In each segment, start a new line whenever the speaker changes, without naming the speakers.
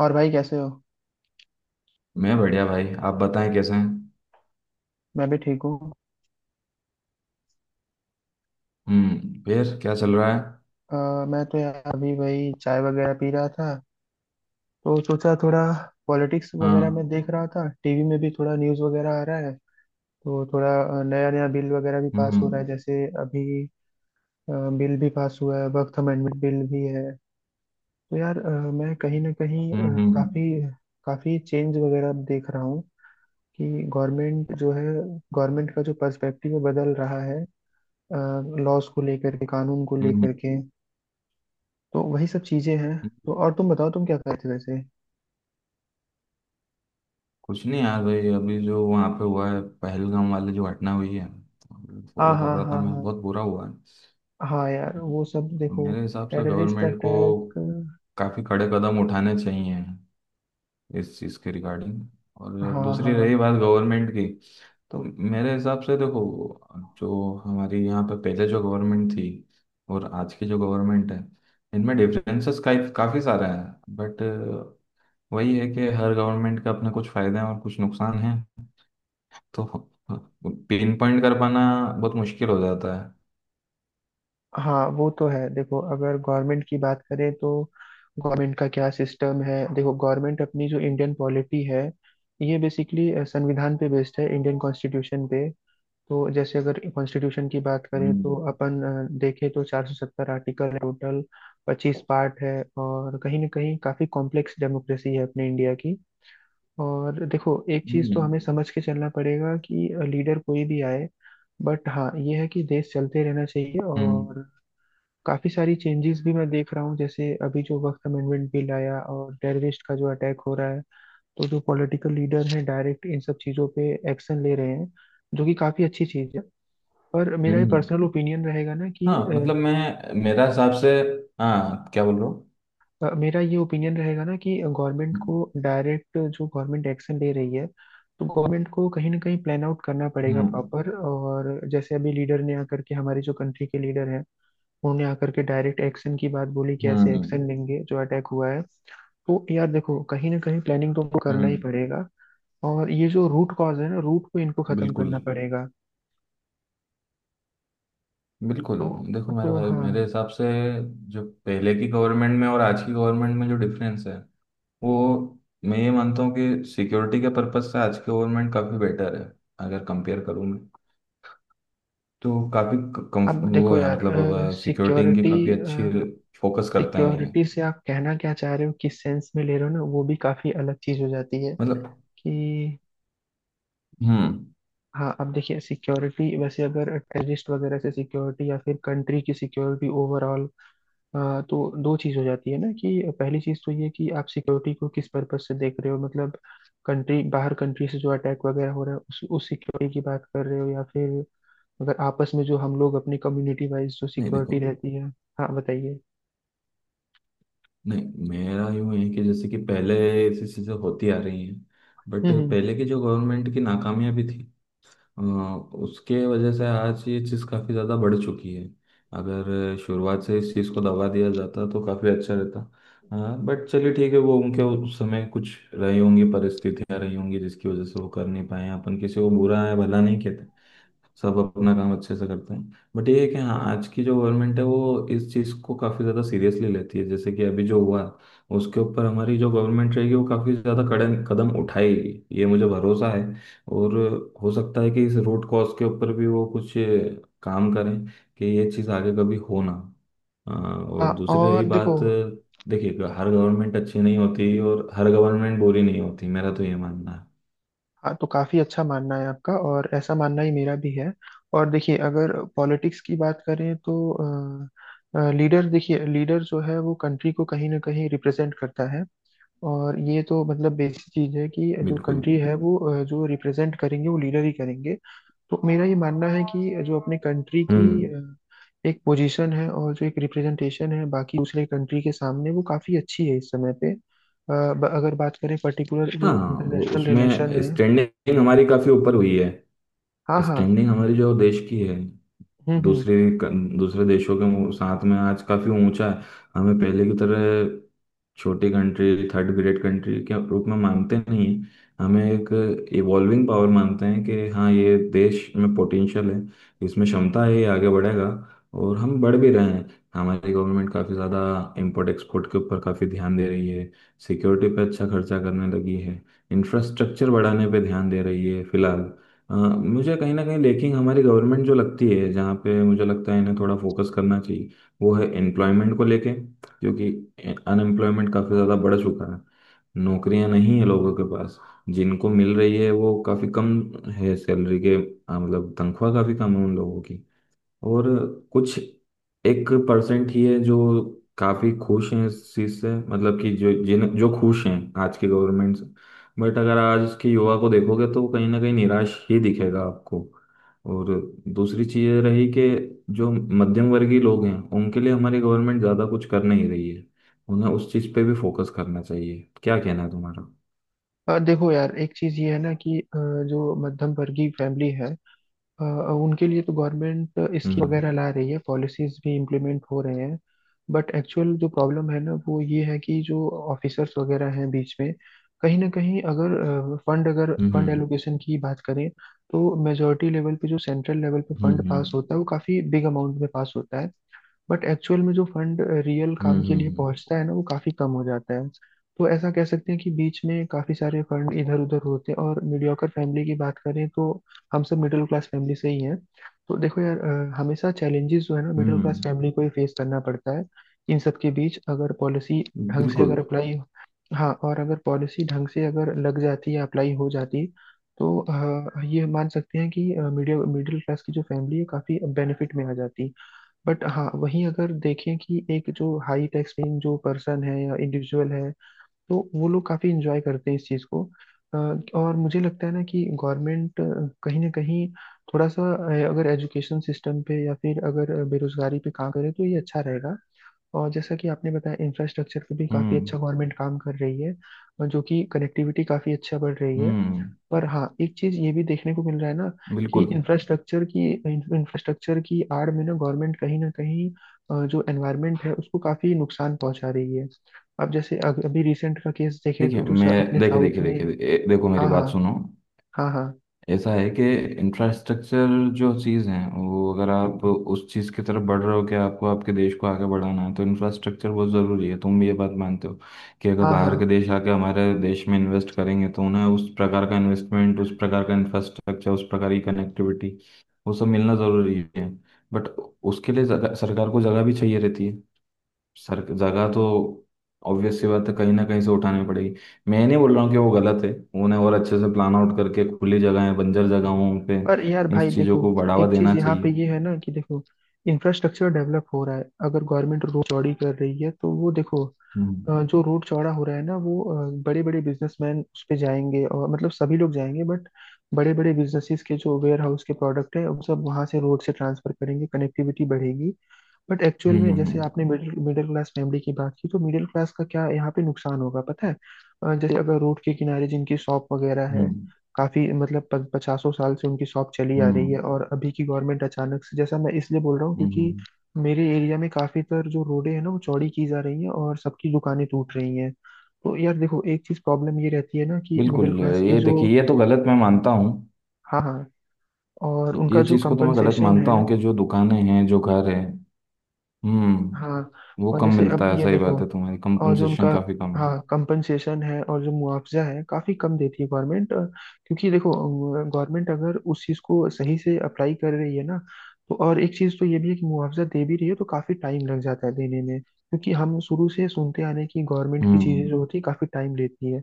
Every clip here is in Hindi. और भाई कैसे हो।
मैं बढ़िया भाई। आप बताएं कैसे हैं।
मैं भी ठीक हूँ।
हम्म। फिर क्या चल रहा है?
अ, मैं तो यार अभी वही चाय वगैरह पी रहा था, तो सोचा थोड़ा पॉलिटिक्स वगैरह में
हाँ।
देख रहा था। टीवी में भी थोड़ा न्यूज़ वगैरह आ रहा है, तो थोड़ा नया नया बिल वगैरह भी पास हो रहा
हम्म।
है। जैसे अभी बिल भी पास हुआ है, वक्त अमेंडमेंट बिल भी है। तो यार मैं कहीं ना कहीं
हम्म। हम्म।
काफी काफी चेंज वगैरह अब देख रहा हूँ कि गवर्नमेंट जो है, गवर्नमेंट का जो पर्सपेक्टिव बदल रहा है, लॉज को लेकर के, कानून को लेकर
हम्म।
के। तो वही सब चीजें हैं। तो
हम्म।
और तुम बताओ, तुम क्या कर रहे थे वैसे।
कुछ नहीं यार भाई, अभी जो वहाँ पे हुआ है, पहलगाम वाली जो घटना हुई है
हाँ
फॉलो कर
हाँ
रहा था
हाँ
मैं।
हाँ।
बहुत बुरा हुआ है।
हाँ यार वो सब देखो,
मेरे हिसाब से
टेररिस्ट
गवर्नमेंट को
अटैक।
काफ़ी कड़े कदम उठाने चाहिए इस चीज़ के रिगार्डिंग। और
हाँ हाँ।
दूसरी रही बात गवर्नमेंट की, तो मेरे हिसाब से देखो, जो हमारी यहाँ पे पहले जो गवर्नमेंट थी और आज की जो गवर्नमेंट है, इनमें डिफरेंसेस काफ़ी सारे हैं। बट वही है कि हर गवर्नमेंट के अपने कुछ फ़ायदे हैं और कुछ नुकसान हैं। तो पिन पॉइंट कर पाना बहुत मुश्किल हो जाता है।
हाँ वो तो है, देखो अगर गवर्नमेंट की बात करें तो गवर्नमेंट का क्या सिस्टम है, देखो गवर्नमेंट अपनी जो इंडियन पॉलिटी है, ये बेसिकली संविधान पे बेस्ड है, इंडियन कॉन्स्टिट्यूशन पे। तो जैसे अगर कॉन्स्टिट्यूशन की बात करें
हम्म।
तो अपन देखें तो 470 आर्टिकल है टोटल, 25 पार्ट है। और कहीं ना कहीं काफ़ी कॉम्प्लेक्स डेमोक्रेसी है अपने इंडिया की। और देखो एक चीज़ तो
हम्म।
हमें समझ के चलना पड़ेगा कि लीडर कोई भी आए, बट हाँ ये है कि देश चलते रहना चाहिए।
हम्म।
और काफ़ी सारी चेंजेस भी मैं देख रहा हूँ, जैसे अभी जो वक्त अमेंडमेंट बिल आया और टेररिस्ट का जो अटैक हो रहा है, तो जो पॉलिटिकल लीडर हैं डायरेक्ट इन सब चीज़ों पे एक्शन ले रहे हैं, जो कि काफ़ी अच्छी चीज़ है। पर मेरा ये
हम्म।
पर्सनल ओपिनियन रहेगा ना कि
हाँ मतलब मैं, मेरा हिसाब से, हाँ क्या बोल रहा हूँ।
मेरा ये ओपिनियन रहेगा ना कि गवर्नमेंट को,
हम्म।
डायरेक्ट जो गवर्नमेंट एक्शन ले रही है, तो गवर्नमेंट को कहीं ना कहीं प्लान आउट करना पड़ेगा
हम्म।
प्रॉपर। और जैसे अभी लीडर ने आकर के, हमारे जो कंट्री के लीडर हैं, उन्होंने आकर के डायरेक्ट एक्शन की बात बोली कि ऐसे
हम्म।
एक्शन लेंगे जो अटैक हुआ है। तो यार देखो कहीं ना कहीं प्लानिंग तो उनको करना ही
हम्म।
पड़ेगा। और ये जो रूट कॉज है ना, रूट को इनको खत्म
बिल्कुल।
करना पड़ेगा।
बिल्कुल।
तो।
देखो मेरे
तो
भाई, मेरे
हाँ,
हिसाब से, जो पहले की गवर्नमेंट में और आज की गवर्नमेंट में जो डिफरेंस है, वो, मैं ये मानता हूँ कि सिक्योरिटी के पर्पस से आज की गवर्नमेंट काफ़ी बेटर है। अगर कंपेयर करूँ मैं तो काफ़ी कम।
अब
वो
देखो
है,
यार,
मतलब सिक्योरिटी इनकी
सिक्योरिटी
काफ़ी अच्छी, फोकस करते हैं ये।
सिक्योरिटी से आप कहना क्या चाह रहे हो, किस सेंस में ले रहे हो ना, वो भी काफी अलग चीज हो जाती है
मतलब,
कि।
हम्म,
हाँ अब देखिए, सिक्योरिटी वैसे अगर टेररिस्ट वगैरह से सिक्योरिटी, या फिर कंट्री की सिक्योरिटी ओवरऑल, तो दो चीज हो जाती है ना, कि पहली चीज तो ये कि आप सिक्योरिटी को किस पर्पज से देख रहे हो, मतलब कंट्री बाहर, कंट्री से जो अटैक वगैरह हो रहा है उस सिक्योरिटी की बात कर रहे हो, या फिर अगर आपस में जो हम लोग अपनी कम्युनिटी वाइज जो
नहीं
सिक्योरिटी
देखो,
रहती है। हाँ बताइए।
नहीं मेरा यूं है कि जैसे कि पहले ऐसी चीज़ें होती आ रही हैं, बट
हम्म।
पहले की जो गवर्नमेंट की नाकामियां भी थी, उसके वजह से आज ये चीज़ काफ़ी ज़्यादा बढ़ चुकी है। अगर शुरुआत से इस चीज़ को दबा दिया जाता तो काफ़ी अच्छा रहता। हाँ बट चलिए ठीक है, वो उनके उस समय कुछ रही होंगी परिस्थितियां, रही होंगी जिसकी वजह से वो कर नहीं पाए हैं। अपन किसी को बुरा है भला नहीं कहते। सब अपना काम अच्छे से करते हैं, बट ये है कि हाँ, आज की जो गवर्नमेंट है वो इस चीज़ को काफ़ी ज़्यादा सीरियसली लेती है, जैसे कि अभी जो हुआ उसके ऊपर हमारी जो गवर्नमेंट रहेगी वो काफ़ी ज़्यादा कड़े कदम उठाएगी, ये मुझे भरोसा है। और हो सकता है कि इस रूट कॉज के ऊपर भी वो कुछ काम करें, कि ये चीज़ आगे कभी हो ना।
हाँ
और दूसरी
और
रही
देखो।
बात, देखिए हर गवर्नमेंट अच्छी नहीं होती और हर गवर्नमेंट बुरी नहीं होती, मेरा तो ये मानना है।
हाँ, तो काफी अच्छा मानना है आपका और ऐसा मानना ही मेरा भी है। और देखिए अगर पॉलिटिक्स की बात करें तो लीडर, देखिए लीडर जो है वो कंट्री को कहीं ना कहीं रिप्रेजेंट करता है। और ये तो मतलब बेसिक चीज है कि जो
बिल्कुल।
कंट्री है वो जो रिप्रेजेंट करेंगे वो लीडर ही करेंगे। तो मेरा ये मानना है कि जो अपने कंट्री की
हम्म।
एक पोजीशन है और जो एक रिप्रेजेंटेशन है बाकी दूसरे कंट्री के सामने, वो काफी अच्छी है इस समय पे। अगर बात करें पर्टिकुलर जो
हाँ वो,
इंटरनेशनल रिलेशन
उसमें
है।
स्टैंडिंग हमारी काफी ऊपर हुई है।
हाँ हाँ।
स्टैंडिंग हमारी जो देश की है,
हम्म।
दूसरे दूसरे देशों के साथ में आज काफी ऊंचा है। हमें पहले की तरह छोटी कंट्री, थर्ड ग्रेड कंट्री के रूप में मानते नहीं हैं। हमें एक इवॉल्विंग पावर मानते हैं कि हाँ, ये देश में पोटेंशियल है, इसमें क्षमता है, ये आगे बढ़ेगा और हम बढ़ भी रहे हैं। हमारी गवर्नमेंट काफ़ी ज़्यादा इंपोर्ट एक्सपोर्ट के ऊपर काफ़ी ध्यान दे रही है, सिक्योरिटी पे अच्छा खर्चा करने लगी है, इंफ्रास्ट्रक्चर बढ़ाने पे ध्यान दे रही है फिलहाल। मुझे कहीं ना कहीं लेकिन हमारी गवर्नमेंट जो लगती है, जहाँ पे मुझे लगता है इन्हें थोड़ा फोकस करना चाहिए, वो है एम्प्लॉयमेंट को लेके। क्योंकि अनएम्प्लॉयमेंट काफ़ी ज़्यादा बढ़ चुका है, नौकरियां नहीं है लोगों के पास। जिनको मिल रही है वो काफ़ी कम है सैलरी के, मतलब तनख्वाह काफ़ी कम है उन लोगों की। और कुछ एक परसेंट ही है जो काफी खुश हैं इस चीज से, मतलब कि जो खुश हैं आज की गवर्नमेंट से। बट अगर आज के युवा को देखोगे तो कहीं ना कहीं निराश ही दिखेगा आपको। और दूसरी चीज ये रही, कि जो मध्यम वर्गीय लोग हैं उनके लिए हमारी गवर्नमेंट ज्यादा कुछ कर नहीं रही है, उन्हें उस चीज पे भी फोकस करना चाहिए। क्या कहना है तुम्हारा?
देखो यार एक चीज ये है ना कि जो मध्यम वर्गीय फैमिली है, उनके लिए तो गवर्नमेंट स्कीम वगैरह
हम्म।
ला रही है, पॉलिसीज भी इम्प्लीमेंट हो रहे हैं। बट एक्चुअल जो प्रॉब्लम है ना, वो ये है कि जो ऑफिसर्स वगैरह हैं बीच में, कहीं ना कहीं अगर फंड, अगर फंड
हम्म।
एलोकेशन की बात करें, तो मेजोरिटी लेवल पे, जो सेंट्रल लेवल पे
हम्म।
फंड
हम्म।
पास
हम्म।
होता है, वो काफ़ी बिग अमाउंट में पास होता है। बट एक्चुअल में जो फंड रियल
हम्म।
काम के लिए पहुंचता है ना, वो काफी कम हो जाता है। तो ऐसा कह सकते हैं कि बीच में काफी सारे फंड इधर उधर होते हैं। और मीडियोकर फैमिली की बात करें तो हम सब मिडिल क्लास फैमिली से ही हैं। तो देखो यार हमेशा चैलेंजेस जो है ना, मिडिल क्लास
हम्म,
फैमिली को ही फेस करना पड़ता है। इन सब के बीच अगर पॉलिसी ढंग से
बिल्कुल।
अगर अप्लाई। हाँ और अगर पॉलिसी ढंग से अगर लग जाती या अप्लाई हो जाती, तो ये मान सकते हैं कि मीडियम मिडिल क्लास की जो फैमिली है काफ़ी बेनिफिट में आ जाती। बट हाँ वहीं अगर देखें कि एक जो हाई टैक्स पेइंग जो पर्सन है या इंडिविजुअल है, तो वो लोग काफी इंजॉय करते हैं इस चीज को। अ, और मुझे लगता है ना कि गवर्नमेंट कहीं ना कहीं थोड़ा सा अगर एजुकेशन सिस्टम पे, या फिर अगर बेरोजगारी पे काम करे तो ये अच्छा रहेगा। और जैसा कि आपने बताया, इंफ्रास्ट्रक्चर पे भी काफी
हम्म।
अच्छा गवर्नमेंट काम कर रही है। और जो कि कनेक्टिविटी काफी अच्छा बढ़ रही है।
हम्म।
पर हाँ एक चीज ये भी देखने को मिल रहा है ना, कि
बिल्कुल।
इंफ्रास्ट्रक्चर की आड़ में ना गवर्नमेंट कहीं ना कहीं जो एनवायरनमेंट है उसको काफी नुकसान पहुंचा रही है। अब जैसे अभी रिसेंट का केस देखें तो
देखिए,
जो
मैं
अपने
देखिए
साउथ
देखिए
में।
देखिए ए- देखो, मेरी
हाँ हाँ।
बात सुनो।
हाँ हाँ।
ऐसा है कि इंफ्रास्ट्रक्चर जो चीज़ है, वो अगर आप उस चीज़ की तरफ बढ़ रहे हो कि आपको, आपके देश को आगे बढ़ाना है, तो इंफ्रास्ट्रक्चर बहुत ज़रूरी है। तुम भी ये बात मानते हो कि अगर
हाँ हाँ।
बाहर के देश आके हमारे देश में इन्वेस्ट करेंगे, तो उन्हें उस प्रकार का इन्वेस्टमेंट, उस प्रकार का इंफ्रास्ट्रक्चर, उस प्रकार की कनेक्टिविटी, वो सब मिलना ज़रूरी है। बट उसके लिए जगह, सरकार को जगह भी चाहिए रहती है। सर जगह तो ऑब्वियस सी बात है, कहीं ना कहीं से उठानी पड़ेगी। मैं नहीं बोल रहा हूँ कि वो गलत है। उन्हें और अच्छे से प्लान आउट करके खुली जगहें, बंजर जगहों पे
पर यार
इन
भाई
चीज़ों
देखो,
को बढ़ावा
एक चीज
देना
यहाँ पे
चाहिए।
ये है ना कि देखो इंफ्रास्ट्रक्चर डेवलप हो रहा है, अगर गवर्नमेंट रोड चौड़ी कर रही है तो वो देखो
हम्म।
जो रोड चौड़ा हो रहा है ना, वो बड़े बड़े बिजनेसमैन उस पे जाएंगे और मतलब सभी लोग जाएंगे, बट बड़े बड़े बिजनेसेस के जो वेयर हाउस के प्रोडक्ट है वो सब वहां से रोड से ट्रांसफर करेंगे, कनेक्टिविटी बढ़ेगी। बट एक्चुअल
हम्म।
में जैसे
हम्म।
आपने मिडिल मिडिल क्लास फैमिली की बात की तो मिडिल क्लास का क्या यहाँ पे नुकसान होगा पता है। जैसे अगर रोड के किनारे जिनकी शॉप वगैरह
हम्म।
है, काफी मतलब पचासों साल से उनकी शॉप चली आ
हम्म।
रही
हम्म,
है, और अभी की गवर्नमेंट अचानक से, जैसा मैं इसलिए बोल रहा हूँ
हम्म,
क्योंकि
हम्म।
मेरे एरिया में काफी तर जो रोडें हैं ना वो चौड़ी की जा रही है और सबकी दुकानें टूट रही हैं। तो यार देखो एक चीज प्रॉब्लम ये रहती है ना कि
बिल्कुल,
मिडिल क्लास की
ये
जो।
देखिए, ये तो गलत मैं मानता हूँ।
हाँ हाँ। और
ये
उनका
ये
जो
चीज़ को तो मैं गलत
कंपनसेशन
मानता
है।
हूँ, कि जो दुकानें हैं, जो घर हैं।
हाँ।
हम्म। वो
और
कम
जैसे
मिलता
अब
है,
ये
सही
देखो,
बात है तुम्हारी,
और जो
कंपनसेशन
उनका,
काफी कम है।
हाँ कंपनसेशन है और जो मुआवजा है काफी कम देती है गवर्नमेंट, क्योंकि देखो गवर्नमेंट अगर उस चीज को सही से अप्लाई कर रही है ना, तो और एक चीज तो ये भी है कि मुआवजा दे भी रही है तो काफी टाइम लग जाता है देने में, क्योंकि हम शुरू से सुनते आ रहे हैं कि गवर्नमेंट की चीजें
हम्म।
जो होती है काफी टाइम लेती है।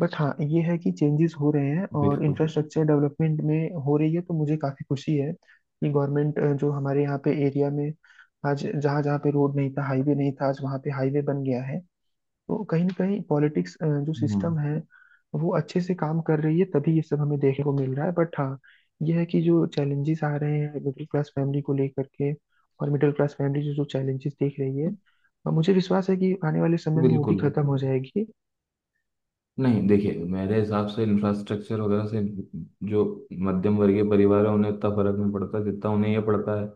बट हाँ ये है कि चेंजेस हो रहे हैं और
बिल्कुल।
इंफ्रास्ट्रक्चर डेवलपमेंट में हो रही है, तो मुझे काफी खुशी है कि गवर्नमेंट जो हमारे यहाँ पे एरिया में, आज जहाँ जहाँ पे रोड नहीं था, हाईवे नहीं था, आज वहाँ पे हाईवे बन गया है। तो कहीं ना कहीं पॉलिटिक्स जो
हम्म।
सिस्टम है वो अच्छे से काम कर रही है, तभी ये सब हमें देखने को मिल रहा है। बट हाँ ये है कि जो चैलेंजेस आ रहे हैं मिडिल क्लास फैमिली को लेकर के, और मिडिल क्लास फैमिली जो जो चैलेंजेस देख रही है, और मुझे विश्वास है कि आने वाले समय में वो भी
बिल्कुल।
खत्म हो जाएगी।
नहीं देखिए, मेरे हिसाब से इंफ्रास्ट्रक्चर वगैरह से जो मध्यम वर्गीय परिवार है उन्हें उतना फर्क नहीं पड़ता, जितना उन्हें यह पड़ता है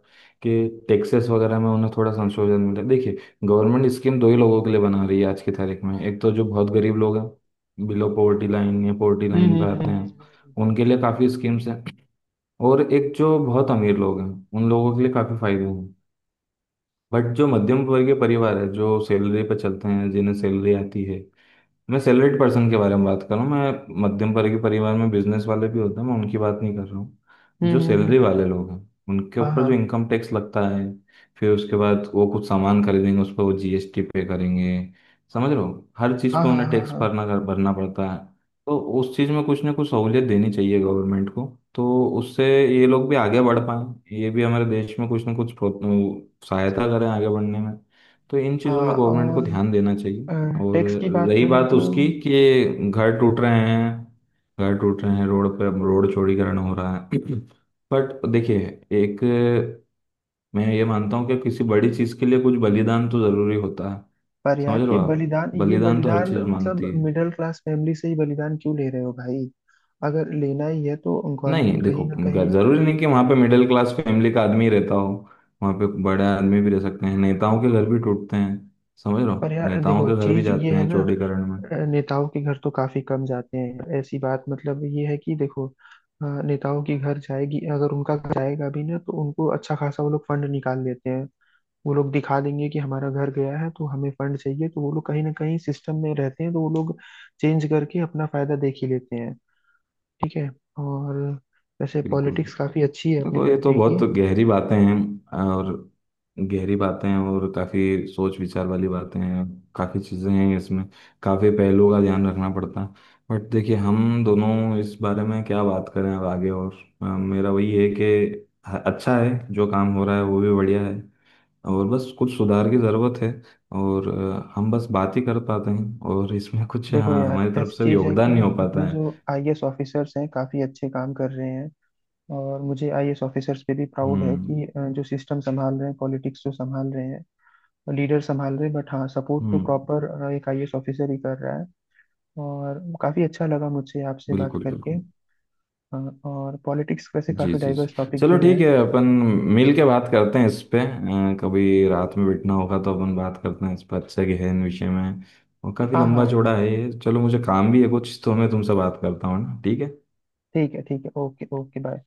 कि टैक्सेस वगैरह में उन्हें थोड़ा संशोधन मिले। देखिए, गवर्नमेंट स्कीम दो ही लोगों के लिए बना रही है आज की तारीख में। एक तो जो बहुत गरीब लोग हैं, बिलो पॉवर्टी लाइन या पॉवर्टी लाइन पे आते हैं,
हम्म।
उनके लिए काफ़ी स्कीम्स हैं। और एक जो बहुत अमीर लोग हैं, उन लोगों के लिए काफ़ी फायदे हैं। बट जो मध्यम वर्गीय परिवार है, जो सैलरी पे चलते हैं, जिन्हें सैलरी आती है, मैं सैलरीड पर्सन के बारे में बात कर रहा हूँ। मैं मध्यम वर्ग के परिवार में बिजनेस वाले भी होते हैं, मैं उनकी बात नहीं कर रहा हूँ।
हम्म,
जो
हम्म, हम्म,
सैलरी
हम्म।
वाले लोग हैं, उनके
हाँ
ऊपर
हाँ
जो इनकम टैक्स लगता है, फिर उसके बाद वो कुछ सामान खरीदेंगे, उस पर वो जीएसटी पे करेंगे। समझ रहे हो, हर चीज़
हाँ
पे
हाँ
उन्हें
हाँ
टैक्स
हाँ
भरना, कर भरना पड़ता है। तो उस चीज़ में कुछ ना कुछ सहूलियत देनी चाहिए गवर्नमेंट को, तो उससे ये लोग भी आगे बढ़ पाएं, ये भी हमारे देश में कुछ ना कुछ सहायता करें आगे बढ़ने में। तो इन चीज़ों
हाँ।
में गवर्नमेंट को
और
ध्यान देना चाहिए। और
टैक्स की बात
रही
करें
बात
तो।
उसकी कि घर टूट रहे हैं, घर टूट रहे हैं, रोड पे रोड चौड़ीकरण हो रहा है। बट देखिए, एक, मैं ये मानता हूँ कि किसी बड़ी चीज़ के लिए कुछ बलिदान तो ज़रूरी होता है।
पर
समझ
यार
रहे हो
ये
आप,
बलिदान, ये
बलिदान तो हर
बलिदान
चीज़ मांगती
मतलब
है।
मिडिल क्लास फैमिली से ही बलिदान क्यों ले रहे हो भाई, अगर लेना ही है तो
नहीं
गवर्नमेंट कहीं
देखो,
ना कहीं।
ज़रूरी नहीं कि वहाँ पे मिडिल क्लास फैमिली का आदमी ही रहता हो, वहाँ पे बड़े आदमी भी रह सकते हैं, नेताओं के घर भी टूटते हैं। समझ रहे
पर
हो,
यार
नेताओं
देखो
के घर भी
चीज ये
जाते
है
हैं
ना,
चौड़ीकरण में।
नेताओं के घर तो काफी कम जाते हैं, ऐसी बात मतलब ये है कि देखो नेताओं के घर जाएगी, अगर उनका घर जाएगा भी ना तो उनको अच्छा खासा, वो लोग फंड निकाल लेते हैं, वो लोग दिखा देंगे कि हमारा घर गया है तो हमें फंड चाहिए, तो वो लोग कहीं ना कहीं सिस्टम में रहते हैं, तो वो लोग चेंज करके अपना फायदा देख ही लेते हैं। ठीक है। और वैसे
बिल्कुल।
पॉलिटिक्स काफ़ी अच्छी है अपनी
देखो, ये तो
कंट्री की।
बहुत गहरी बातें हैं, और गहरी बातें हैं, और काफ़ी सोच विचार वाली बातें हैं, काफ़ी चीज़ें हैं इसमें, काफ़ी पहलुओं का ध्यान रखना पड़ता है। बट देखिए, हम दोनों इस बारे में क्या बात करें अब आगे और। मेरा वही है कि अच्छा है, जो काम हो रहा है वो भी बढ़िया है, और बस कुछ सुधार की ज़रूरत है। और हम बस बात ही कर पाते हैं, और इसमें कुछ,
देखो
हाँ,
यार
हमारी तरफ
ऐसी
से
चीज़ है कि
योगदान नहीं हो पाता
अपने जो
है।
आईएएस ऑफिसर्स हैं काफ़ी अच्छे काम कर रहे हैं। और मुझे आईएएस ऑफिसर्स पे भी प्राउड है
हम्म।
कि जो सिस्टम संभाल रहे हैं, पॉलिटिक्स जो संभाल रहे हैं, लीडर संभाल रहे हैं, बट हाँ सपोर्ट तो
हम्म।
प्रॉपर एक आईएएस ऑफिसर ही कर रहा है। और काफ़ी अच्छा लगा मुझे आपसे बात
बिल्कुल।
करके।
बिल्कुल।
अ, और पॉलिटिक्स वैसे
जी
काफ़ी
जी जी।
डाइवर्स टॉपिक
चलो
भी
ठीक
है।
है, अपन मिल के बात करते हैं इस पे, कभी रात में बैठना होगा तो अपन बात करते हैं इस पर, अच्छा गहन विषय में, और काफ़ी
हाँ
लंबा
हाँ।
चौड़ा है ये। चलो, मुझे काम भी है कुछ, तो मैं तुमसे बात करता हूँ ना, ठीक है।
ठीक है, ठीक है, ओके ओके, बाय।